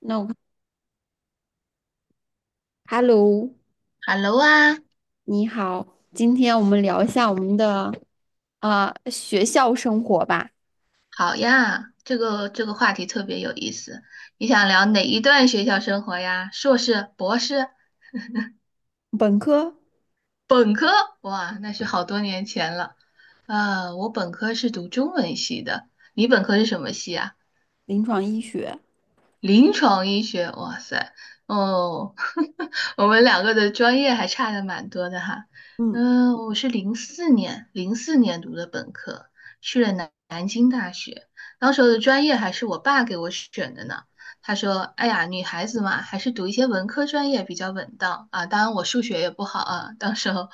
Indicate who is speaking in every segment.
Speaker 1: 那我看，Hello，
Speaker 2: Hello 啊，
Speaker 1: 你好，今天我们聊一下我们的学校生活吧。
Speaker 2: 好呀，这个话题特别有意思。你想聊哪一段学校生活呀？硕士、博士、
Speaker 1: 本科。
Speaker 2: 本科？哇，那是好多年前了。啊，我本科是读中文系的，你本科是什么系啊？
Speaker 1: 临床医学。
Speaker 2: 临床医学，哇塞，哦，我们两个的专业还差的蛮多的哈。
Speaker 1: 嗯。
Speaker 2: 嗯、我是零四年，零四年读的本科，去了南京大学，当时候的专业还是我爸给我选的呢。他说："哎呀，女孩子嘛，还是读一些文科专业比较稳当啊。当然，我数学也不好啊，到时候，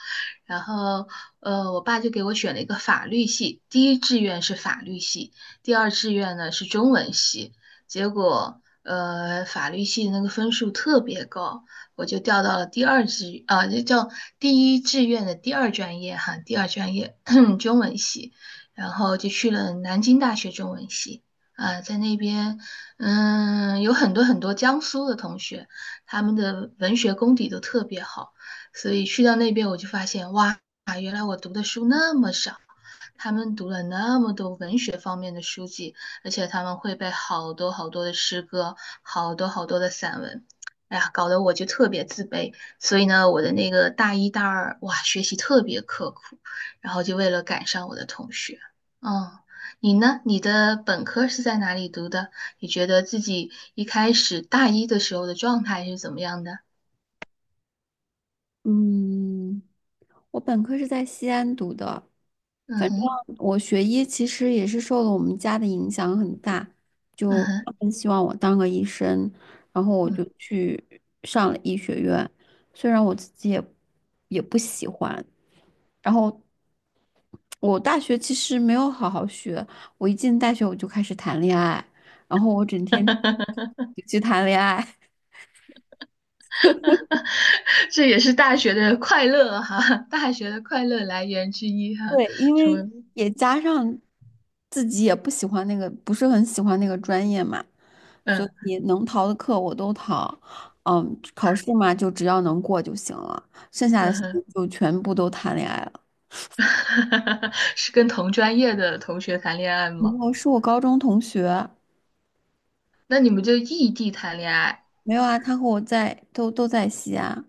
Speaker 2: 然后，我爸就给我选了一个法律系，第一志愿是法律系，第二志愿呢是中文系。结果法律系的那个分数特别高，我就调到了第二志啊，就叫第一志愿的第二专业哈，第二专业 中文系，然后就去了南京大学中文系。啊，在那边，嗯，有很多很多江苏的同学，他们的文学功底都特别好，所以去到那边我就发现，哇，原来我读的书那么少，他们读了那么多文学方面的书籍，而且他们会背好多好多的诗歌，好多好多的散文。哎呀，搞得我就特别自卑，所以呢，我的那个大一、大二，哇，学习特别刻苦，然后就为了赶上我的同学。嗯，你呢？你的本科是在哪里读的？你觉得自己一开始大一的时候的状态是怎么样的？
Speaker 1: 嗯，我本科是在西安读的。
Speaker 2: 嗯哼，
Speaker 1: 我学医其实也是受了我们家的影响很大，
Speaker 2: 嗯
Speaker 1: 就他
Speaker 2: 哼，
Speaker 1: 们希望我当个医生，然后我就
Speaker 2: 嗯，
Speaker 1: 去上了医学院。虽然我自己也不喜欢，然后我大学其实没有好好学，我一进大学我就开始谈恋爱，然后我整天去谈恋爱。
Speaker 2: 这也是大学的快乐哈，大学的快乐来源之一哈，
Speaker 1: 对，因
Speaker 2: 说，
Speaker 1: 为也加上自己也不喜欢那个，不是很喜欢那个专业嘛，所
Speaker 2: 嗯
Speaker 1: 以能逃的课我都逃。嗯，考试嘛，就只要能过就行了，剩下的
Speaker 2: 嗯
Speaker 1: 时
Speaker 2: 哼。
Speaker 1: 间就全部都谈恋爱了。
Speaker 2: 是跟同专业的同学谈恋爱
Speaker 1: 然
Speaker 2: 吗？
Speaker 1: 后是我高中同学。
Speaker 2: 那你们就异地谈恋爱，
Speaker 1: 没有啊，他和我都在西安。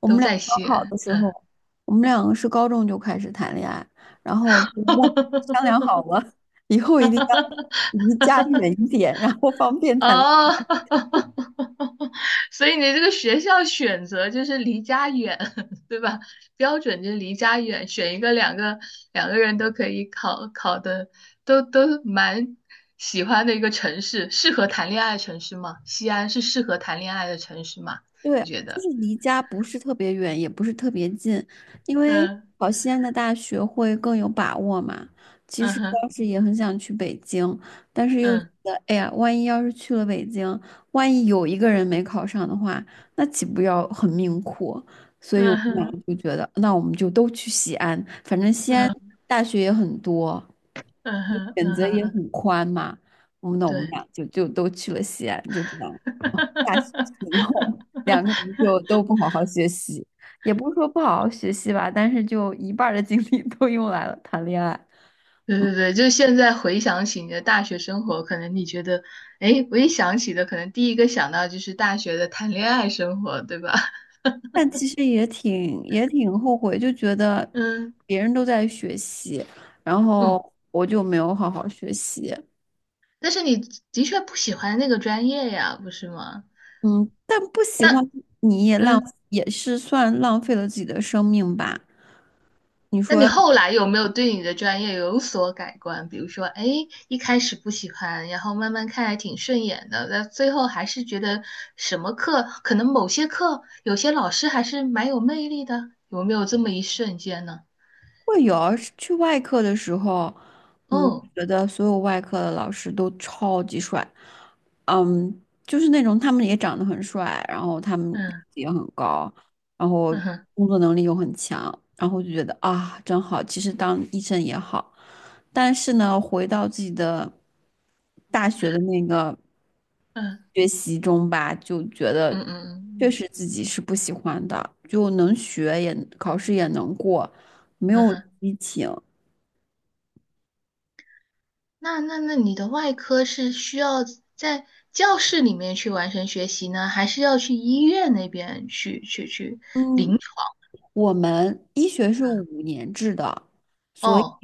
Speaker 1: 我
Speaker 2: 都
Speaker 1: 们俩
Speaker 2: 在
Speaker 1: 高
Speaker 2: 西
Speaker 1: 考
Speaker 2: 安。
Speaker 1: 的时候，我们两个是高中就开始谈恋爱，然后就商量好 了，以后一定要离家远一点，然后方便谈。
Speaker 2: 哦，所以你这个学校选择就是离家远，对吧？标准就是离家远，选一个两个人都可以考的，都蛮喜欢的一个城市，适合谈恋爱的城市吗？西安是适合谈恋爱的城市吗？
Speaker 1: 对，
Speaker 2: 你觉
Speaker 1: 就
Speaker 2: 得？
Speaker 1: 是离家不是特别远，也不是特别近，因为
Speaker 2: 嗯。
Speaker 1: 考西安的大学会更有把握嘛。其
Speaker 2: 嗯
Speaker 1: 实
Speaker 2: 哼，
Speaker 1: 当时也很想去北京，但是又觉
Speaker 2: 嗯
Speaker 1: 得，哎呀，万一要是去了北京，万一有一个人没考上的话，那岂不要很命苦？所以我
Speaker 2: 嗯
Speaker 1: 们俩
Speaker 2: 哼，
Speaker 1: 就觉得，那我们就都去西安，反正西安
Speaker 2: 嗯
Speaker 1: 大学也很多，
Speaker 2: 嗯哼，
Speaker 1: 选
Speaker 2: 嗯
Speaker 1: 择
Speaker 2: 哼，
Speaker 1: 也
Speaker 2: 嗯，
Speaker 1: 很宽嘛。那我们
Speaker 2: 对，
Speaker 1: 俩就都去了西安，就这样。大学以 后，两个人就都不好好学习，也不是说不好好学习吧，但是就一半儿的精力都用来了谈恋爱。
Speaker 2: 对对对，就现在回想起你的大学生活，可能你觉得，哎，我一想起的，可能第一个想到就是大学的谈恋爱生活，对吧？
Speaker 1: 但其实也挺后悔，就觉得
Speaker 2: 嗯
Speaker 1: 别人都在学习，然
Speaker 2: 嗯，
Speaker 1: 后我就没有好好学习。
Speaker 2: 但是你的确不喜欢那个专业呀，不是吗？
Speaker 1: 嗯，但不喜
Speaker 2: 那
Speaker 1: 欢你也浪
Speaker 2: 嗯。
Speaker 1: 也是算浪费了自己的生命吧？你
Speaker 2: 那你
Speaker 1: 说？
Speaker 2: 后来有没有对你的专业有所改观？比如说，哎，一开始不喜欢，然后慢慢看还挺顺眼的，那最后还是觉得什么课，可能某些课，有些老师还是蛮有魅力的，有没有这么一瞬间呢？
Speaker 1: 会有啊，是去外科的时候。嗯，
Speaker 2: 哦，
Speaker 1: 觉得所有外科的老师都超级帅，嗯，就是那种他们也长得很帅，然后他们
Speaker 2: 嗯
Speaker 1: 也很高，然后
Speaker 2: 嗯哼，
Speaker 1: 工作能力又很强，然后就觉得啊，真好。其实当医生也好，但是呢，回到自己的大学的那个
Speaker 2: 嗯
Speaker 1: 学习中吧，就觉
Speaker 2: 嗯
Speaker 1: 得
Speaker 2: 嗯
Speaker 1: 确
Speaker 2: 嗯
Speaker 1: 实自己是不喜欢的，就能学，也考试也能过。没
Speaker 2: 嗯嗯
Speaker 1: 有
Speaker 2: 哼，
Speaker 1: 激情。
Speaker 2: 那你的外科是需要在教室里面去完成学习呢，还是要去医院那边去
Speaker 1: 嗯，
Speaker 2: 临床？
Speaker 1: 我们医学是五年制的，所以
Speaker 2: 哦，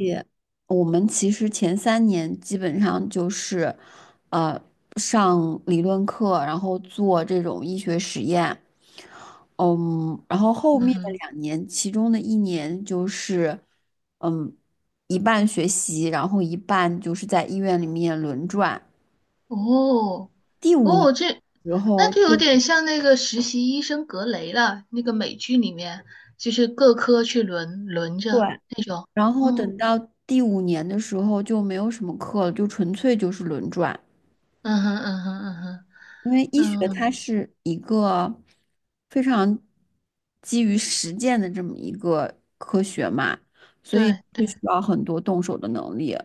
Speaker 1: 我们其实前三年基本上就是，呃，上理论课，然后做这种医学实验。嗯，然后后
Speaker 2: 嗯
Speaker 1: 面的
Speaker 2: 哼。
Speaker 1: 两年，其中的一年就是，嗯，一半学习，然后一半就是在医院里面轮转。
Speaker 2: 哦，
Speaker 1: 第五年
Speaker 2: 哦，这
Speaker 1: 的时
Speaker 2: 那
Speaker 1: 候。
Speaker 2: 就有点像那个实习医生格雷了，那个美剧里面就是各科去轮着。
Speaker 1: 对，然后
Speaker 2: 哦，
Speaker 1: 等到第五年的时候就没有什么课了，就纯粹就是轮转。
Speaker 2: 嗯哼，嗯哼，嗯哼，
Speaker 1: 因为医学
Speaker 2: 嗯，
Speaker 1: 它是一个非常基于实践的这么一个科学嘛，所以
Speaker 2: 对对，
Speaker 1: 就需要很多动手的能力。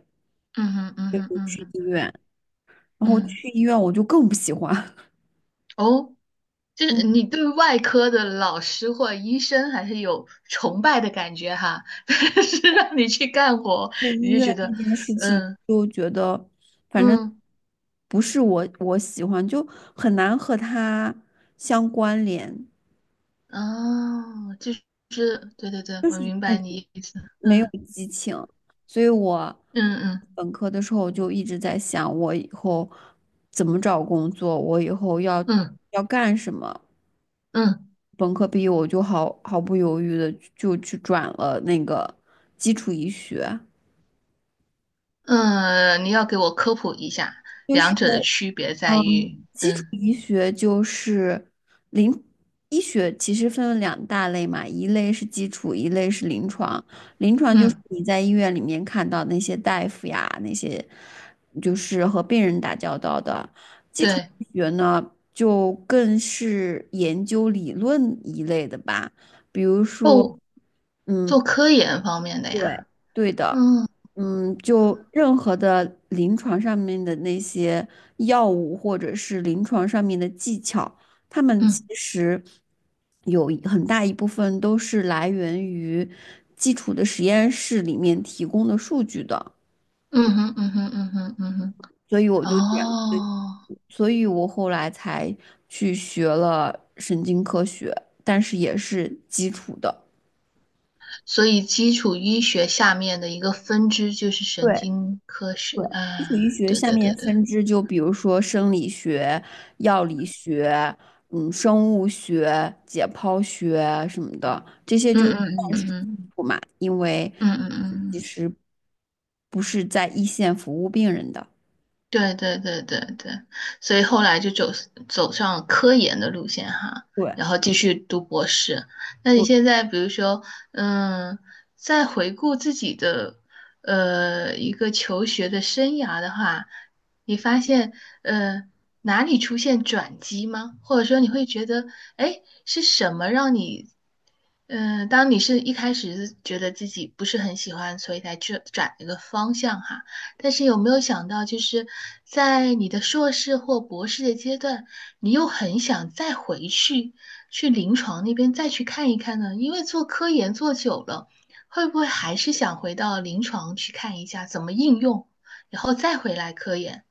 Speaker 2: 嗯哼，嗯哼，嗯
Speaker 1: 去医
Speaker 2: 哼，
Speaker 1: 院，然后
Speaker 2: 嗯，
Speaker 1: 去医院我就更不喜欢。
Speaker 2: 哦，就是
Speaker 1: 嗯，
Speaker 2: 你对外科的老师或医生还是有崇拜的感觉哈，但是让你去干活，
Speaker 1: 对
Speaker 2: 你
Speaker 1: 医
Speaker 2: 就觉
Speaker 1: 院那
Speaker 2: 得，
Speaker 1: 件事情
Speaker 2: 嗯
Speaker 1: 就觉得，反正
Speaker 2: 嗯，
Speaker 1: 不是我喜欢，就很难和它相关联。
Speaker 2: 哦，就是，对对对，
Speaker 1: 就是
Speaker 2: 我明
Speaker 1: 那。
Speaker 2: 白你意思，
Speaker 1: 没有
Speaker 2: 嗯。
Speaker 1: 激情，所以我
Speaker 2: 嗯嗯
Speaker 1: 本科的时候就一直在想，我以后怎么找工作，我以后要
Speaker 2: 嗯
Speaker 1: 要干什么。
Speaker 2: 嗯
Speaker 1: 本科毕业我就毫不犹豫的就去转了那个基础医学，
Speaker 2: 嗯，你要给我科普一下，
Speaker 1: 就
Speaker 2: 两
Speaker 1: 是。
Speaker 2: 者的区别在于，
Speaker 1: 嗯，基础
Speaker 2: 嗯
Speaker 1: 医学就是临医学，其实分为两大类嘛，一类是基础，一类是临床。临床就是
Speaker 2: 嗯，
Speaker 1: 你在医院里面看到那些大夫呀，那些就是和病人打交道的。基础
Speaker 2: 对，
Speaker 1: 医学呢，就更是研究理论一类的吧，比如说，
Speaker 2: 哦，做
Speaker 1: 嗯，
Speaker 2: 科研方面的
Speaker 1: 对，
Speaker 2: 呀，
Speaker 1: 对的。
Speaker 2: 嗯
Speaker 1: 嗯，就
Speaker 2: 嗯
Speaker 1: 任何的临床上面的那些药物或者是临床上面的技巧，他们其
Speaker 2: 嗯
Speaker 1: 实有很大一部分都是来源于基础的实验室里面提供的数据的，
Speaker 2: 嗯哼嗯哼嗯哼嗯哼，
Speaker 1: 所以我就选，
Speaker 2: 哦，
Speaker 1: 所以我后来才去学了神经科学，但是也是基础的。
Speaker 2: 所以基础医学下面的一个分支就是神
Speaker 1: 对。
Speaker 2: 经科学，
Speaker 1: 对，
Speaker 2: 啊，
Speaker 1: 基础医学
Speaker 2: 对
Speaker 1: 下
Speaker 2: 对
Speaker 1: 面
Speaker 2: 对对，
Speaker 1: 分支就比如说生理学、药理学、嗯，生物学、解剖学啊什么的，这些
Speaker 2: 嗯
Speaker 1: 就
Speaker 2: 嗯
Speaker 1: 算
Speaker 2: 嗯
Speaker 1: 是
Speaker 2: 嗯
Speaker 1: 不嘛，因为
Speaker 2: 嗯嗯嗯嗯嗯。
Speaker 1: 不是在一线服务病人的。
Speaker 2: 对对对对对，所以后来就走上了科研的路线哈，
Speaker 1: 对，
Speaker 2: 然后继续读博士。那你
Speaker 1: 我
Speaker 2: 现在比如说，嗯，在回顾自己的一个求学的生涯的话，你发现呃哪里出现转机吗？或者说你会觉得，哎，是什么让你，嗯、当你是一开始是觉得自己不是很喜欢，所以才去转一个方向哈？但是有没有想到，就是在你的硕士或博士的阶段，你又很想再回去去临床那边再去看一看呢？因为做科研做久了，会不会还是想回到临床去看一下怎么应用，然后再回来科研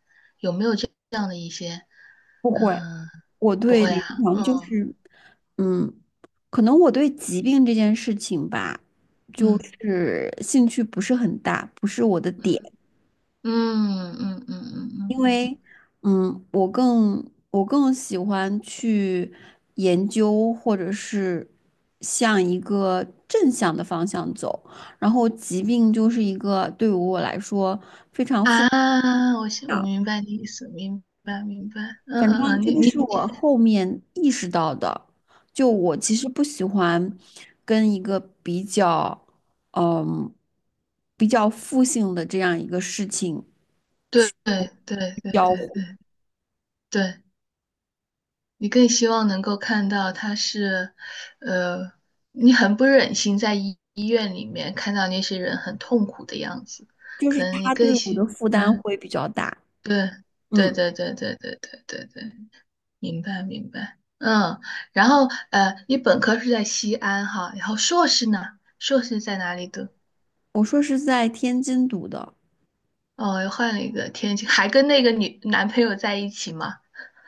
Speaker 2: 这样的一些？
Speaker 1: 不会，
Speaker 2: 嗯，
Speaker 1: 我
Speaker 2: 不
Speaker 1: 对
Speaker 2: 会
Speaker 1: 临
Speaker 2: 啊，
Speaker 1: 床就
Speaker 2: 嗯
Speaker 1: 是，嗯，可能我对疾病这件事情吧，就
Speaker 2: 嗯
Speaker 1: 是兴趣不是很大，不是我的点。
Speaker 2: 嗯嗯嗯嗯嗯嗯
Speaker 1: 嗯，我更喜欢去研究，或者是向一个正向的方向走。然后，疾病就是一个对于我来说非常负，
Speaker 2: 啊，我明白你意思，明白明白，嗯
Speaker 1: 反
Speaker 2: 嗯
Speaker 1: 正
Speaker 2: 嗯，
Speaker 1: 这
Speaker 2: 你
Speaker 1: 个
Speaker 2: 你
Speaker 1: 是我后面意识到的。就我其实不喜欢跟一个比较，嗯，比较负性的这样一个事情
Speaker 2: 对对对对
Speaker 1: 交互，
Speaker 2: 对对，你更希望能够看到他是，呃，你很不忍心在医院里面看到那些人很痛苦的样子，
Speaker 1: 就是
Speaker 2: 可能你
Speaker 1: 它对
Speaker 2: 更
Speaker 1: 我的
Speaker 2: 希，
Speaker 1: 负担
Speaker 2: 嗯，
Speaker 1: 会比较大。
Speaker 2: 对对
Speaker 1: 嗯。
Speaker 2: 对对对对对对对，明白明白，嗯，然后你本科是在西安哈，然后硕士呢？硕士在哪里读？
Speaker 1: 我说是在天津读的。
Speaker 2: 哦，又换了一个天津，还跟那个男朋友在一起吗？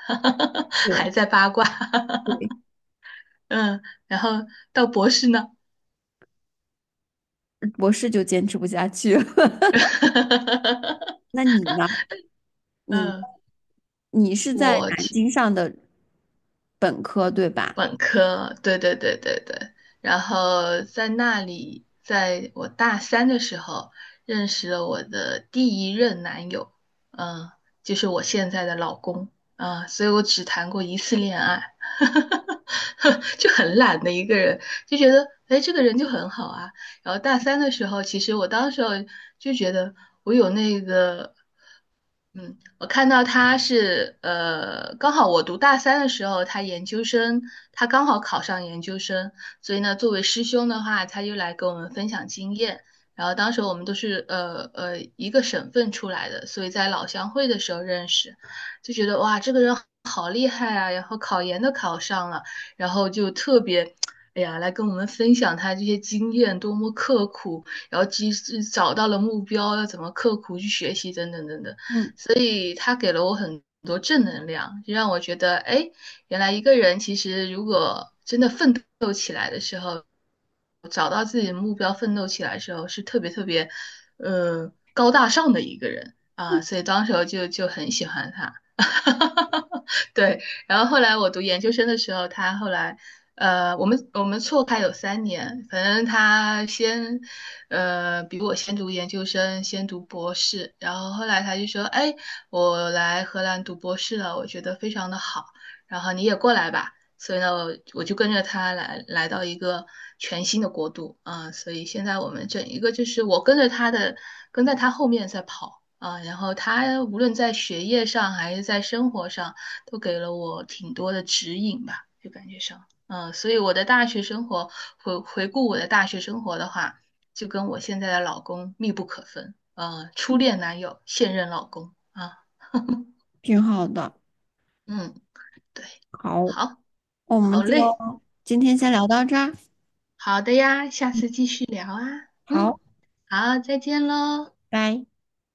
Speaker 2: 还
Speaker 1: 对
Speaker 2: 在八卦。
Speaker 1: 对。
Speaker 2: 嗯，然后到博士呢？
Speaker 1: 博士就坚持不下去了。那你呢？你
Speaker 2: 嗯，
Speaker 1: 你是在
Speaker 2: 我
Speaker 1: 南
Speaker 2: 其
Speaker 1: 京上的本科，对吧？
Speaker 2: 本科，对对对对对，然后在那里，在我大三的时候认识了我的第一任男友，嗯，就是我现在的老公，啊、所以我只谈过一次恋爱，就很懒的一个人，就觉得哎，这个人就很好啊。然后大三的时候，其实我当时候就觉得我有那个嗯，我看到他是刚好我读大三的时候，他研究生，他刚好考上研究生，所以呢，作为师兄的话，他就来跟我们分享经验。然后当时我们都是一个省份出来的，所以在老乡会的时候认识，就觉得哇，这个人好厉害啊，然后考研都考上了，然后就特别。哎呀，来跟我们分享他这些经验，多么刻苦，然后及时找到了目标，要怎么刻苦去学习，等等等等。
Speaker 1: 嗯，
Speaker 2: 所以他给了我很多正能量，就让我觉得，哎，原来一个人其实如果真的奋斗，找到自己的目标，奋斗起来的时候，是特别特别，高大上的一个人啊，所以当时候就很喜欢他。对，然后后来我读研究生的时候，他后来，我们错开有3年，反正他先，比我先读研究生，先读博士，然后后来他就说，哎，我来荷兰读博士了，我觉得非常的好，然后你也过来吧，所以呢，我就跟着他来到一个全新的国度啊，所以现在我们整一个就是我跟着他的，跟在他后面在跑。啊，然后他无论在学业上还是在生活上。都给了我挺多的指引吧，就感觉上，嗯，所以我的大学生活，回顾我的大学生活的话，就跟我现在的老公密不可分，初恋男友，现任老公啊，
Speaker 1: 挺好的。
Speaker 2: 嗯，对，
Speaker 1: 好，
Speaker 2: 好，
Speaker 1: 我们
Speaker 2: 好
Speaker 1: 就
Speaker 2: 嘞，
Speaker 1: 今天先聊到这儿。
Speaker 2: 好的呀，下次继续聊啊，嗯，
Speaker 1: 好，
Speaker 2: 好，再见喽。
Speaker 1: 拜。